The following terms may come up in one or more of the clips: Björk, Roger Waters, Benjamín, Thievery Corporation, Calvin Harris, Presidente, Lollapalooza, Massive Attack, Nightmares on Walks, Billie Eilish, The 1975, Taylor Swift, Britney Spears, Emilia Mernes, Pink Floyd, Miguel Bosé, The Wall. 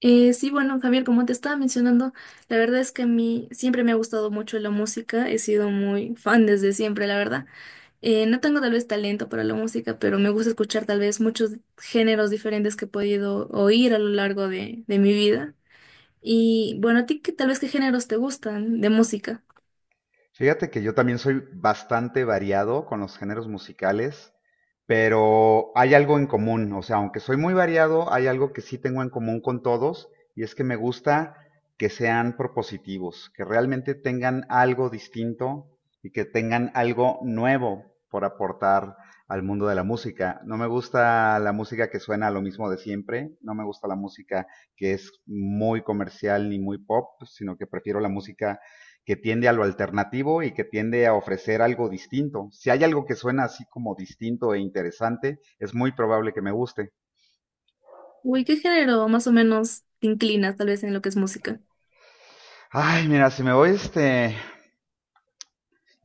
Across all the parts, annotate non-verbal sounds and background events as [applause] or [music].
Sí, bueno, Javier, como te estaba mencionando, la verdad es que a mí siempre me ha gustado mucho la música, he sido muy fan desde siempre, la verdad. No tengo tal vez talento para la música, pero me gusta escuchar tal vez muchos géneros diferentes que he podido oír a lo largo de mi vida. Y bueno, ¿a ti qué, tal vez qué géneros te gustan de música? Fíjate que yo también soy bastante variado con los géneros musicales, pero hay algo en común. O sea, aunque soy muy variado, hay algo que sí tengo en común con todos, y es que me gusta que sean propositivos, que realmente tengan algo distinto y que tengan algo nuevo por aportar al mundo de la música. No me gusta la música que suena a lo mismo de siempre, no me gusta la música que es muy comercial ni muy pop, sino que prefiero la música que tiende a lo alternativo y que tiende a ofrecer algo distinto. Si hay algo que suena así como distinto e interesante, es muy probable que me guste. Uy, ¿qué género más o menos te inclinas tal vez en lo que es música? Ay, mira, si me voy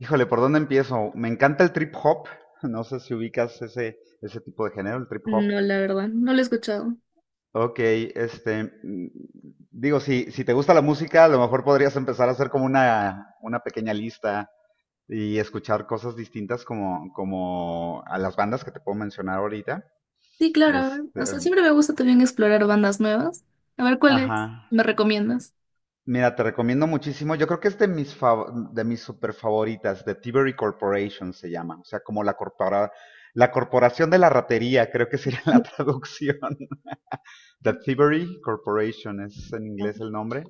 Híjole, ¿por dónde empiezo? Me encanta el trip hop. [laughs] No sé si ubicas ese tipo de género, el trip hop. No, la verdad, no lo he escuchado. Ok, digo, si te gusta la música, a lo mejor podrías empezar a hacer como una pequeña lista y escuchar cosas distintas como a las bandas que te puedo mencionar ahorita. Sí, claro, a ver, Este, o sea, siempre me gusta también explorar bandas nuevas. A ver, ¿cuáles Ajá. me recomiendas? Mira, te recomiendo muchísimo. Yo creo que es de mis super favoritas, de Thievery Corporation se llama. O sea, como la corporación de la ratería, creo que sería [laughs] la traducción. The Thievery Corporation es en Ah. inglés el nombre.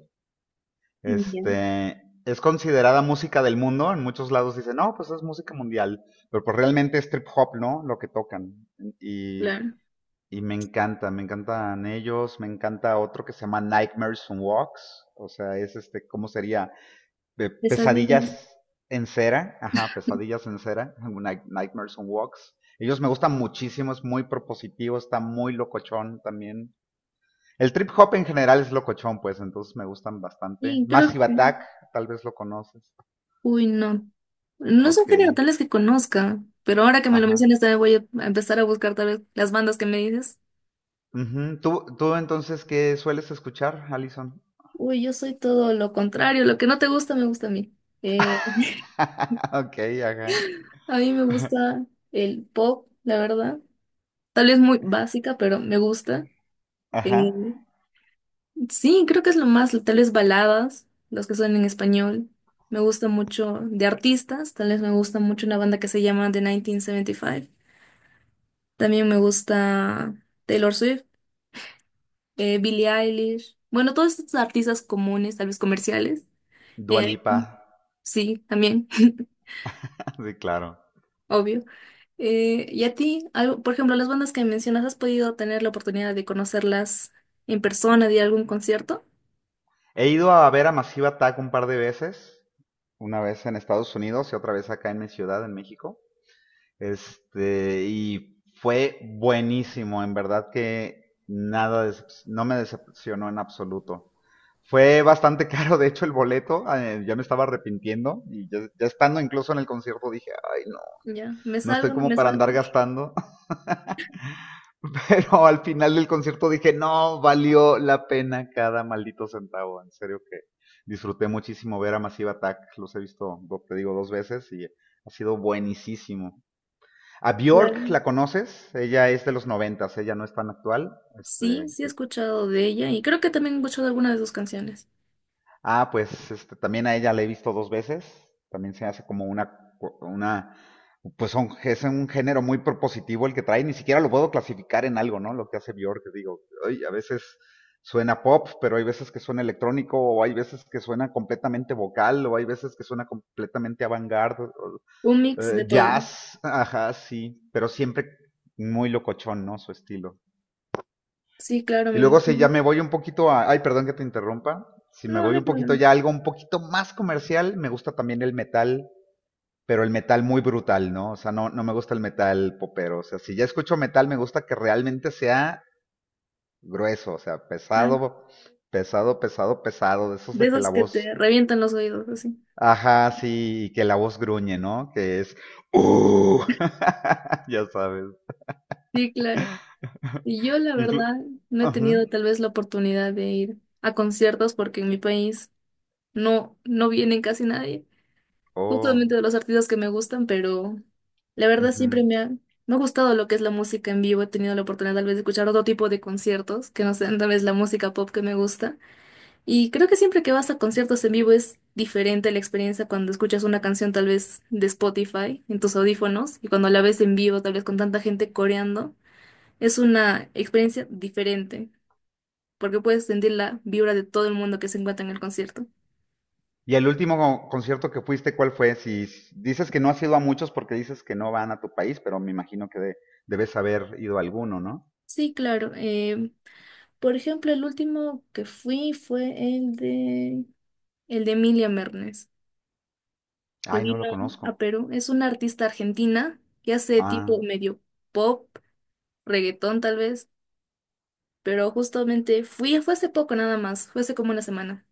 Ya, Este es considerada música del mundo. En muchos lados dicen, no, pues es música mundial. Pero pues realmente es trip hop, ¿no? Lo que tocan. Y claro. Y me encanta, me encantan ellos, me encanta otro que se llama Nightmares on Walks, o sea, es ¿cómo sería? Esas vidas. Pesadillas en cera, ajá, Pesadillas en cera, Nightmares on Walks. Ellos me gustan muchísimo, es muy propositivo, está muy locochón también. El trip hop en general es locochón, pues, entonces me gustan bastante. Y creo Massive que. Attack, tal vez lo conoces. Uy, no. No son Ok, género tales que conozca. Pero ahora que me lo ajá. mencionas, también voy a empezar a buscar tal vez las bandas que me dices. Ujú. ¿Tú entonces qué sueles escuchar, Alison? Uy, yo soy todo lo contrario. Lo que no te gusta, me gusta a mí. Eh, [laughs] [laughs] Ok, ajá. a mí me gusta el pop, la verdad. Tal vez muy básica, pero me gusta. Eh, Ajá. Sí, creo que es lo más, tal vez baladas, los que son en español. Me gusta mucho de artistas, tal vez me gusta mucho una banda que se llama The 1975. También me gusta Taylor Swift, Billie Eilish. Bueno, todos estos artistas comunes, tal vez comerciales. Eh, Dualipa, sí, también, [laughs] [laughs] sí, claro. obvio. ¿Y a ti? Algo, por ejemplo, las bandas que mencionas, ¿has podido tener la oportunidad de conocerlas en persona, de ir a algún concierto? He ido a ver a Massive Attack un par de veces, una vez en Estados Unidos y otra vez acá en mi ciudad, en México. Y fue buenísimo, en verdad que nada, no me decepcionó en absoluto. Fue bastante [laughs] caro, de hecho, el boleto, yo me estaba arrepintiendo y ya estando incluso en el concierto dije, ay, no, Ya, ¿me no estoy salgo? ¿No como me para salgo? andar gastando. [laughs] Pero al final del concierto dije, no, valió la pena cada maldito centavo. En serio que disfruté muchísimo ver a Massive Attack. Los he visto, te digo, dos veces y ha sido buenísimo. A Bjork, ¿la conoces? Ella es de los noventas, ella no es tan actual. Sí, Este, sí he escuchado de ella y creo que también he escuchado alguna de sus canciones. Ah, pues también a ella la he visto dos veces. También se hace como una, es un género muy propositivo el que trae. Ni siquiera lo puedo clasificar en algo, ¿no? Lo que hace Björk, que digo, ay, a veces suena pop, pero hay veces que suena electrónico, o hay veces que suena completamente vocal, o hay veces que suena completamente avant-garde, Un mix de todo. jazz, ajá, sí, pero siempre muy locochón, ¿no? Su estilo. Sí, claro, Y me luego si ya imagino. me voy un poquito. Ay, perdón que te interrumpa. Si me No, no voy hay un poquito problema. ya a algo un poquito más comercial, me gusta también el metal, pero el metal muy brutal, ¿no? O sea, no, no me gusta el metal popero. O sea, si ya escucho metal, me gusta que realmente sea grueso, o sea, Ah, pesado, pesado, pesado, pesado. De esos de de que esas la que voz... te revientan los oídos, así. Ajá, sí, y que la voz gruñe, ¿no? Que es... ¡Uh! [laughs] ya sabes. Sí, claro. Y yo, la Inclu... verdad, no he Ajá. tenido tal vez la oportunidad de ir a conciertos porque en mi país no vienen casi nadie, justamente Oh. de los artistas que me gustan, pero la verdad siempre Ujú. me ha gustado lo que es la música en vivo. He tenido la oportunidad tal vez de escuchar otro tipo de conciertos que no sean tal vez la música pop que me gusta. Y creo que siempre que vas a conciertos en vivo es diferente la experiencia cuando escuchas una canción tal vez de Spotify en tus audífonos y cuando la ves en vivo tal vez con tanta gente coreando. Es una experiencia diferente porque puedes sentir la vibra de todo el mundo que se encuentra en el concierto. Y el último concierto que fuiste, ¿cuál fue? Si dices que no has ido a muchos porque dices que no van a tu país, pero me imagino que debes haber ido a alguno, ¿no? Sí, claro. Por ejemplo, el último que fui fue el el de Emilia Mernes, que Ay, no lo vino a conozco. Perú. Es una artista argentina que hace tipo Ah, medio pop, reggaetón tal vez, pero justamente fui, fue hace poco nada más, fue hace como una semana.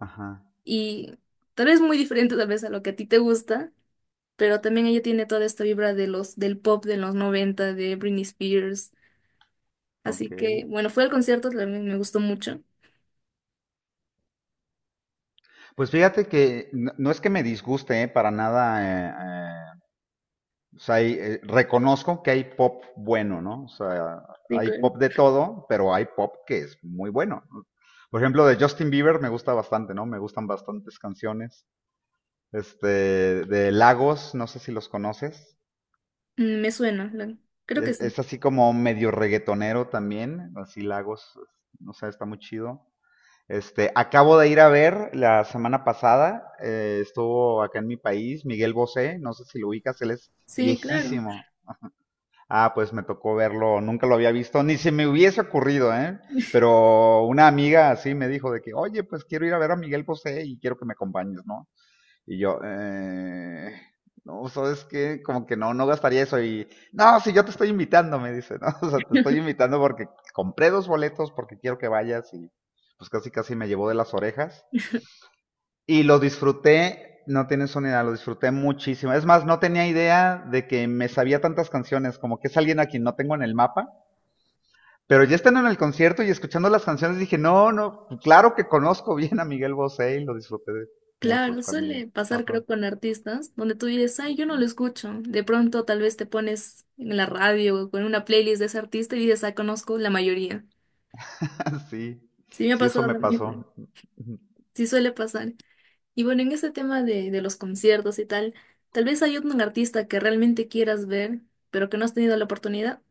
ajá, Y tal vez muy diferente tal vez a lo que a ti te gusta, pero también ella tiene toda esta vibra de del pop de los 90 de Britney Spears. ok. Así que, bueno, fue al concierto, también me gustó mucho. Pues fíjate que no, no es que me disguste, ¿eh? Para nada. eh, eh, o sea, reconozco que hay pop bueno, ¿no? O sea, Sí, hay claro. pop de todo, pero hay pop que es muy bueno, ¿no? Por ejemplo, de Justin Bieber me gusta bastante, ¿no? Me gustan bastantes canciones. este, de Lagos, no sé si los conoces. Mm, me suena, la- creo que Es, sí. es así como medio reggaetonero también, así Lagos, no sé, está muy chido. Acabo de ir a ver la semana pasada, estuvo acá en mi país, Miguel Bosé, no sé si lo ubicas, él es Sí, claro. viejísimo. Ah, pues me tocó verlo, nunca lo había visto, ni se me hubiese ocurrido, ¿eh? Pero una amiga así me dijo de que, oye, pues quiero ir a ver a Miguel Bosé y quiero que me acompañes, ¿no? Y yo, no, ¿sabes qué? Como que no, no gastaría eso. Y, no, si yo te estoy invitando, me dice, ¿no? [laughs] O sea, te estoy invitando porque compré dos boletos porque quiero que vayas y pues casi casi me llevó de las orejas. Y lo disfruté, no tienes una idea, lo disfruté muchísimo. Es más, no tenía idea de que me sabía tantas canciones, como que es alguien a quien no tengo en el mapa. Pero ya estando en el concierto y escuchando las canciones dije, no, no, claro que conozco bien a Miguel Bosé y lo disfruté mucho Claro, también. suele pasar Ajá. creo con artistas donde tú dices, ay, yo no lo escucho. De pronto tal vez te pones en la radio o con una playlist de ese artista y dices, ah, conozco la mayoría. [laughs] Sí, Sí, me ha sí, eso pasado me pasó. también. Sí suele pasar. Y bueno, en ese tema de los conciertos y tal, tal vez hay un artista que realmente quieras ver, pero que no has tenido la oportunidad.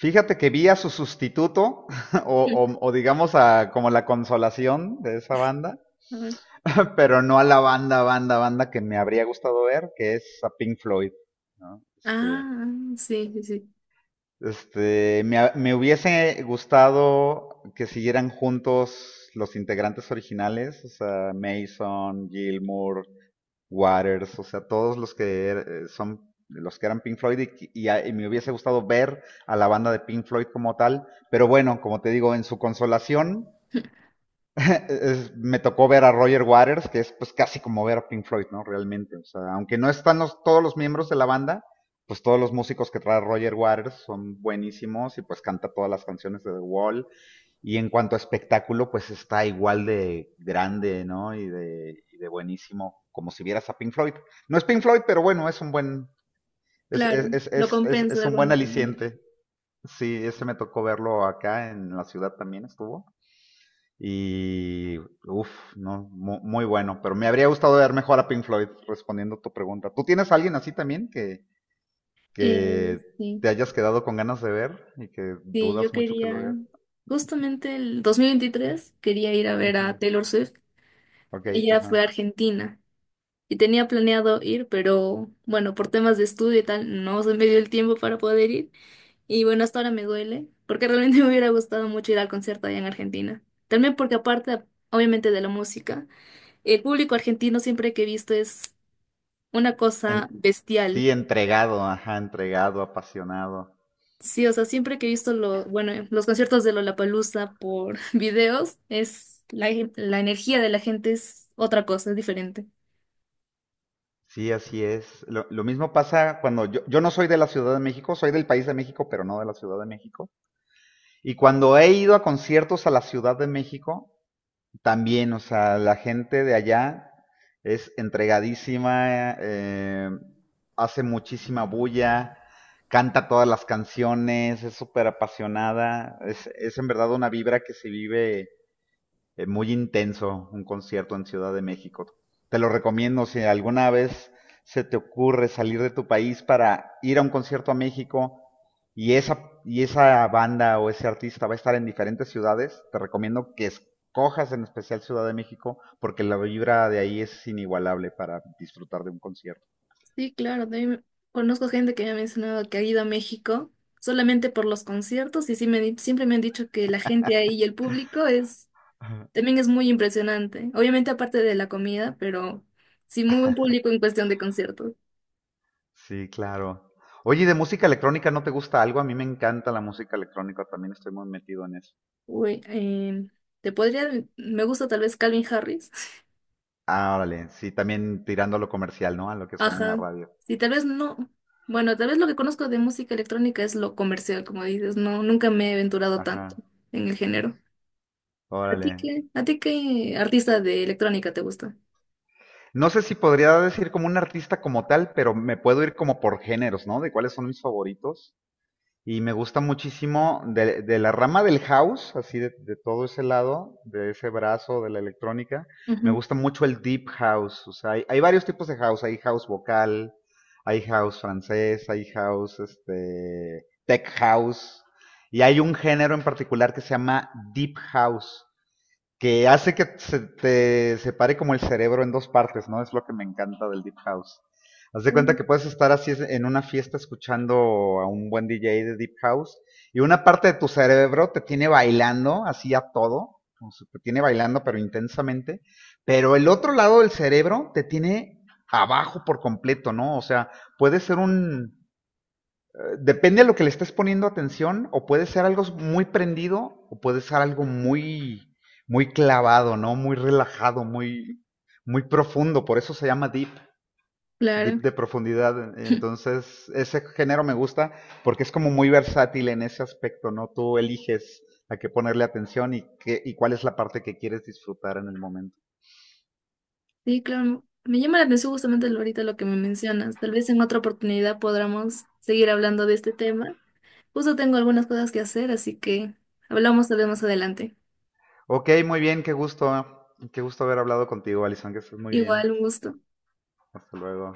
Fíjate que vi a su sustituto, [laughs] o, Sí. o- o digamos a como la consolación de esa banda, A ver. [laughs] pero no a la banda, banda, banda que me habría gustado ver, que es a Pink Floyd, ¿no? Este, Ah, sí, sí, sí. este, me, ha- me hubiese gustado que siguieran juntos los integrantes originales, o sea, Mason, Gilmour, Waters, o sea, todos los que son los que eran Pink Floyd y me hubiese gustado ver a la banda de Pink Floyd como tal, pero bueno, como te digo, en su consolación [laughs] me tocó ver a Roger Waters, que es pues casi como ver a Pink Floyd, ¿no? Realmente, o sea, aunque no están todos los miembros de la banda, pues todos los músicos que trae Roger Waters son buenísimos y pues canta todas las canciones de The Wall y en cuanto a espectáculo, pues está igual de grande, ¿no? y de, buenísimo, como si vieras a Pink Floyd. No es Pink Floyd, pero bueno, es un buen, es, es, Claro, es, lo es, es compensa es de un buen alguna manera. aliciente. Sí, ese me tocó verlo acá en la ciudad también estuvo. Y, uff, no, muy, bueno. Pero me habría gustado ver mejor a Pink Floyd respondiendo a tu pregunta. ¿Tú tienes a alguien así también que, Eh, que te sí, hayas quedado con ganas de ver y que sí, yo dudas mucho que lo quería, veas? justamente el 2023 quería ir a ver a Ujú. Taylor Swift. Ok, Ella fue a ajá. Argentina y tenía planeado ir, pero bueno, por temas de estudio y tal, no se me dio el tiempo para poder ir. Y bueno, hasta ahora me duele, porque realmente [laughs] me hubiera gustado mucho ir al concierto allá en Argentina. También porque aparte, obviamente, de la música, el público argentino siempre que he visto es una cosa En- bestial. sí, entregado, ajá, entregado, apasionado. Sí, o sea, siempre que he visto lo, bueno, los conciertos de Lollapalooza por [laughs] videos, es la energía de la gente es otra cosa, es diferente. Sí, así es. Lo mismo pasa cuando yo no soy de la Ciudad de México, soy del país de México, pero no de la Ciudad de México. Y cuando he ido a conciertos a la Ciudad de México, también, o sea, la gente de allá es entregadísima, hace muchísima bulla, canta todas las canciones, es súper apasionada, es en verdad una vibra que se vive muy intenso, un concierto en Ciudad de México. Te lo recomiendo si alguna vez se te ocurre salir de tu país para ir a un concierto a México y esa, banda o ese artista va a estar en diferentes ciudades, te recomiendo que escojas en especial Ciudad de México porque la vibra de ahí es inigualable para disfrutar de un concierto. Sí, claro, también conozco gente que me ha mencionado que ha ido a México solamente por los conciertos y sí me, di- siempre me han dicho que la gente ahí y el público es también es muy impresionante. Obviamente aparte de la comida, pero sí muy buen público en cuestión de conciertos. Sí, claro. Oye, ¿y de música electrónica no te gusta algo? A mí me encanta la música electrónica, también estoy muy metido en eso. Uy, em, Te podría, me gusta tal vez Calvin Harris. [laughs] Ah, órale, sí, también tirando a lo comercial, ¿no? A lo que suena en la Ajá. radio. Sí, tal vez no. Bueno, tal vez lo que conozco de música electrónica es lo comercial, como dices. No, nunca me he aventurado tanto Ajá, en el género. Órale. A ti qué artista de electrónica te gusta? No sé si podría decir como un artista como tal, pero me puedo ir como por géneros, ¿no? De cuáles son mis favoritos. Y me gusta muchísimo de la rama del house, así de todo ese lado, de ese brazo de la electrónica. Me Ujú. gusta mucho el deep house. O sea, hay varios tipos de house. Hay house vocal, hay house francés, hay house, tech house. Y hay un género en particular que se llama deep house, que hace que se te separe como el cerebro en dos partes, ¿no? Es lo que me encanta del Deep House. Haz de cuenta Mm. que puedes estar así en una fiesta escuchando a un buen DJ de Deep House y una parte de tu cerebro te tiene bailando así a todo, o sea, te tiene bailando pero intensamente, pero el otro lado del cerebro te tiene abajo por completo, ¿no? O sea, puede ser depende a lo que le estés poniendo atención, o puede ser algo muy prendido, o puede ser algo muy, muy clavado, ¿no? Muy relajado, muy, muy profundo. Por eso se llama deep, Claro. deep de profundidad. Entonces, ese género me gusta porque es como muy versátil en ese aspecto, ¿no? Tú eliges a qué ponerle atención y, cuál es la parte que quieres disfrutar en el momento. Sí, claro. Me llama la atención justamente lo- ahorita lo que me mencionas. Tal vez en otra oportunidad podamos seguir hablando de este tema. Justo tengo algunas cosas que hacer, así que hablamos tal vez más adelante. Ok, muy bien, qué gusto. Qué gusto haber hablado contigo, Alison, que estés muy bien. Igual, un gusto. Hasta luego.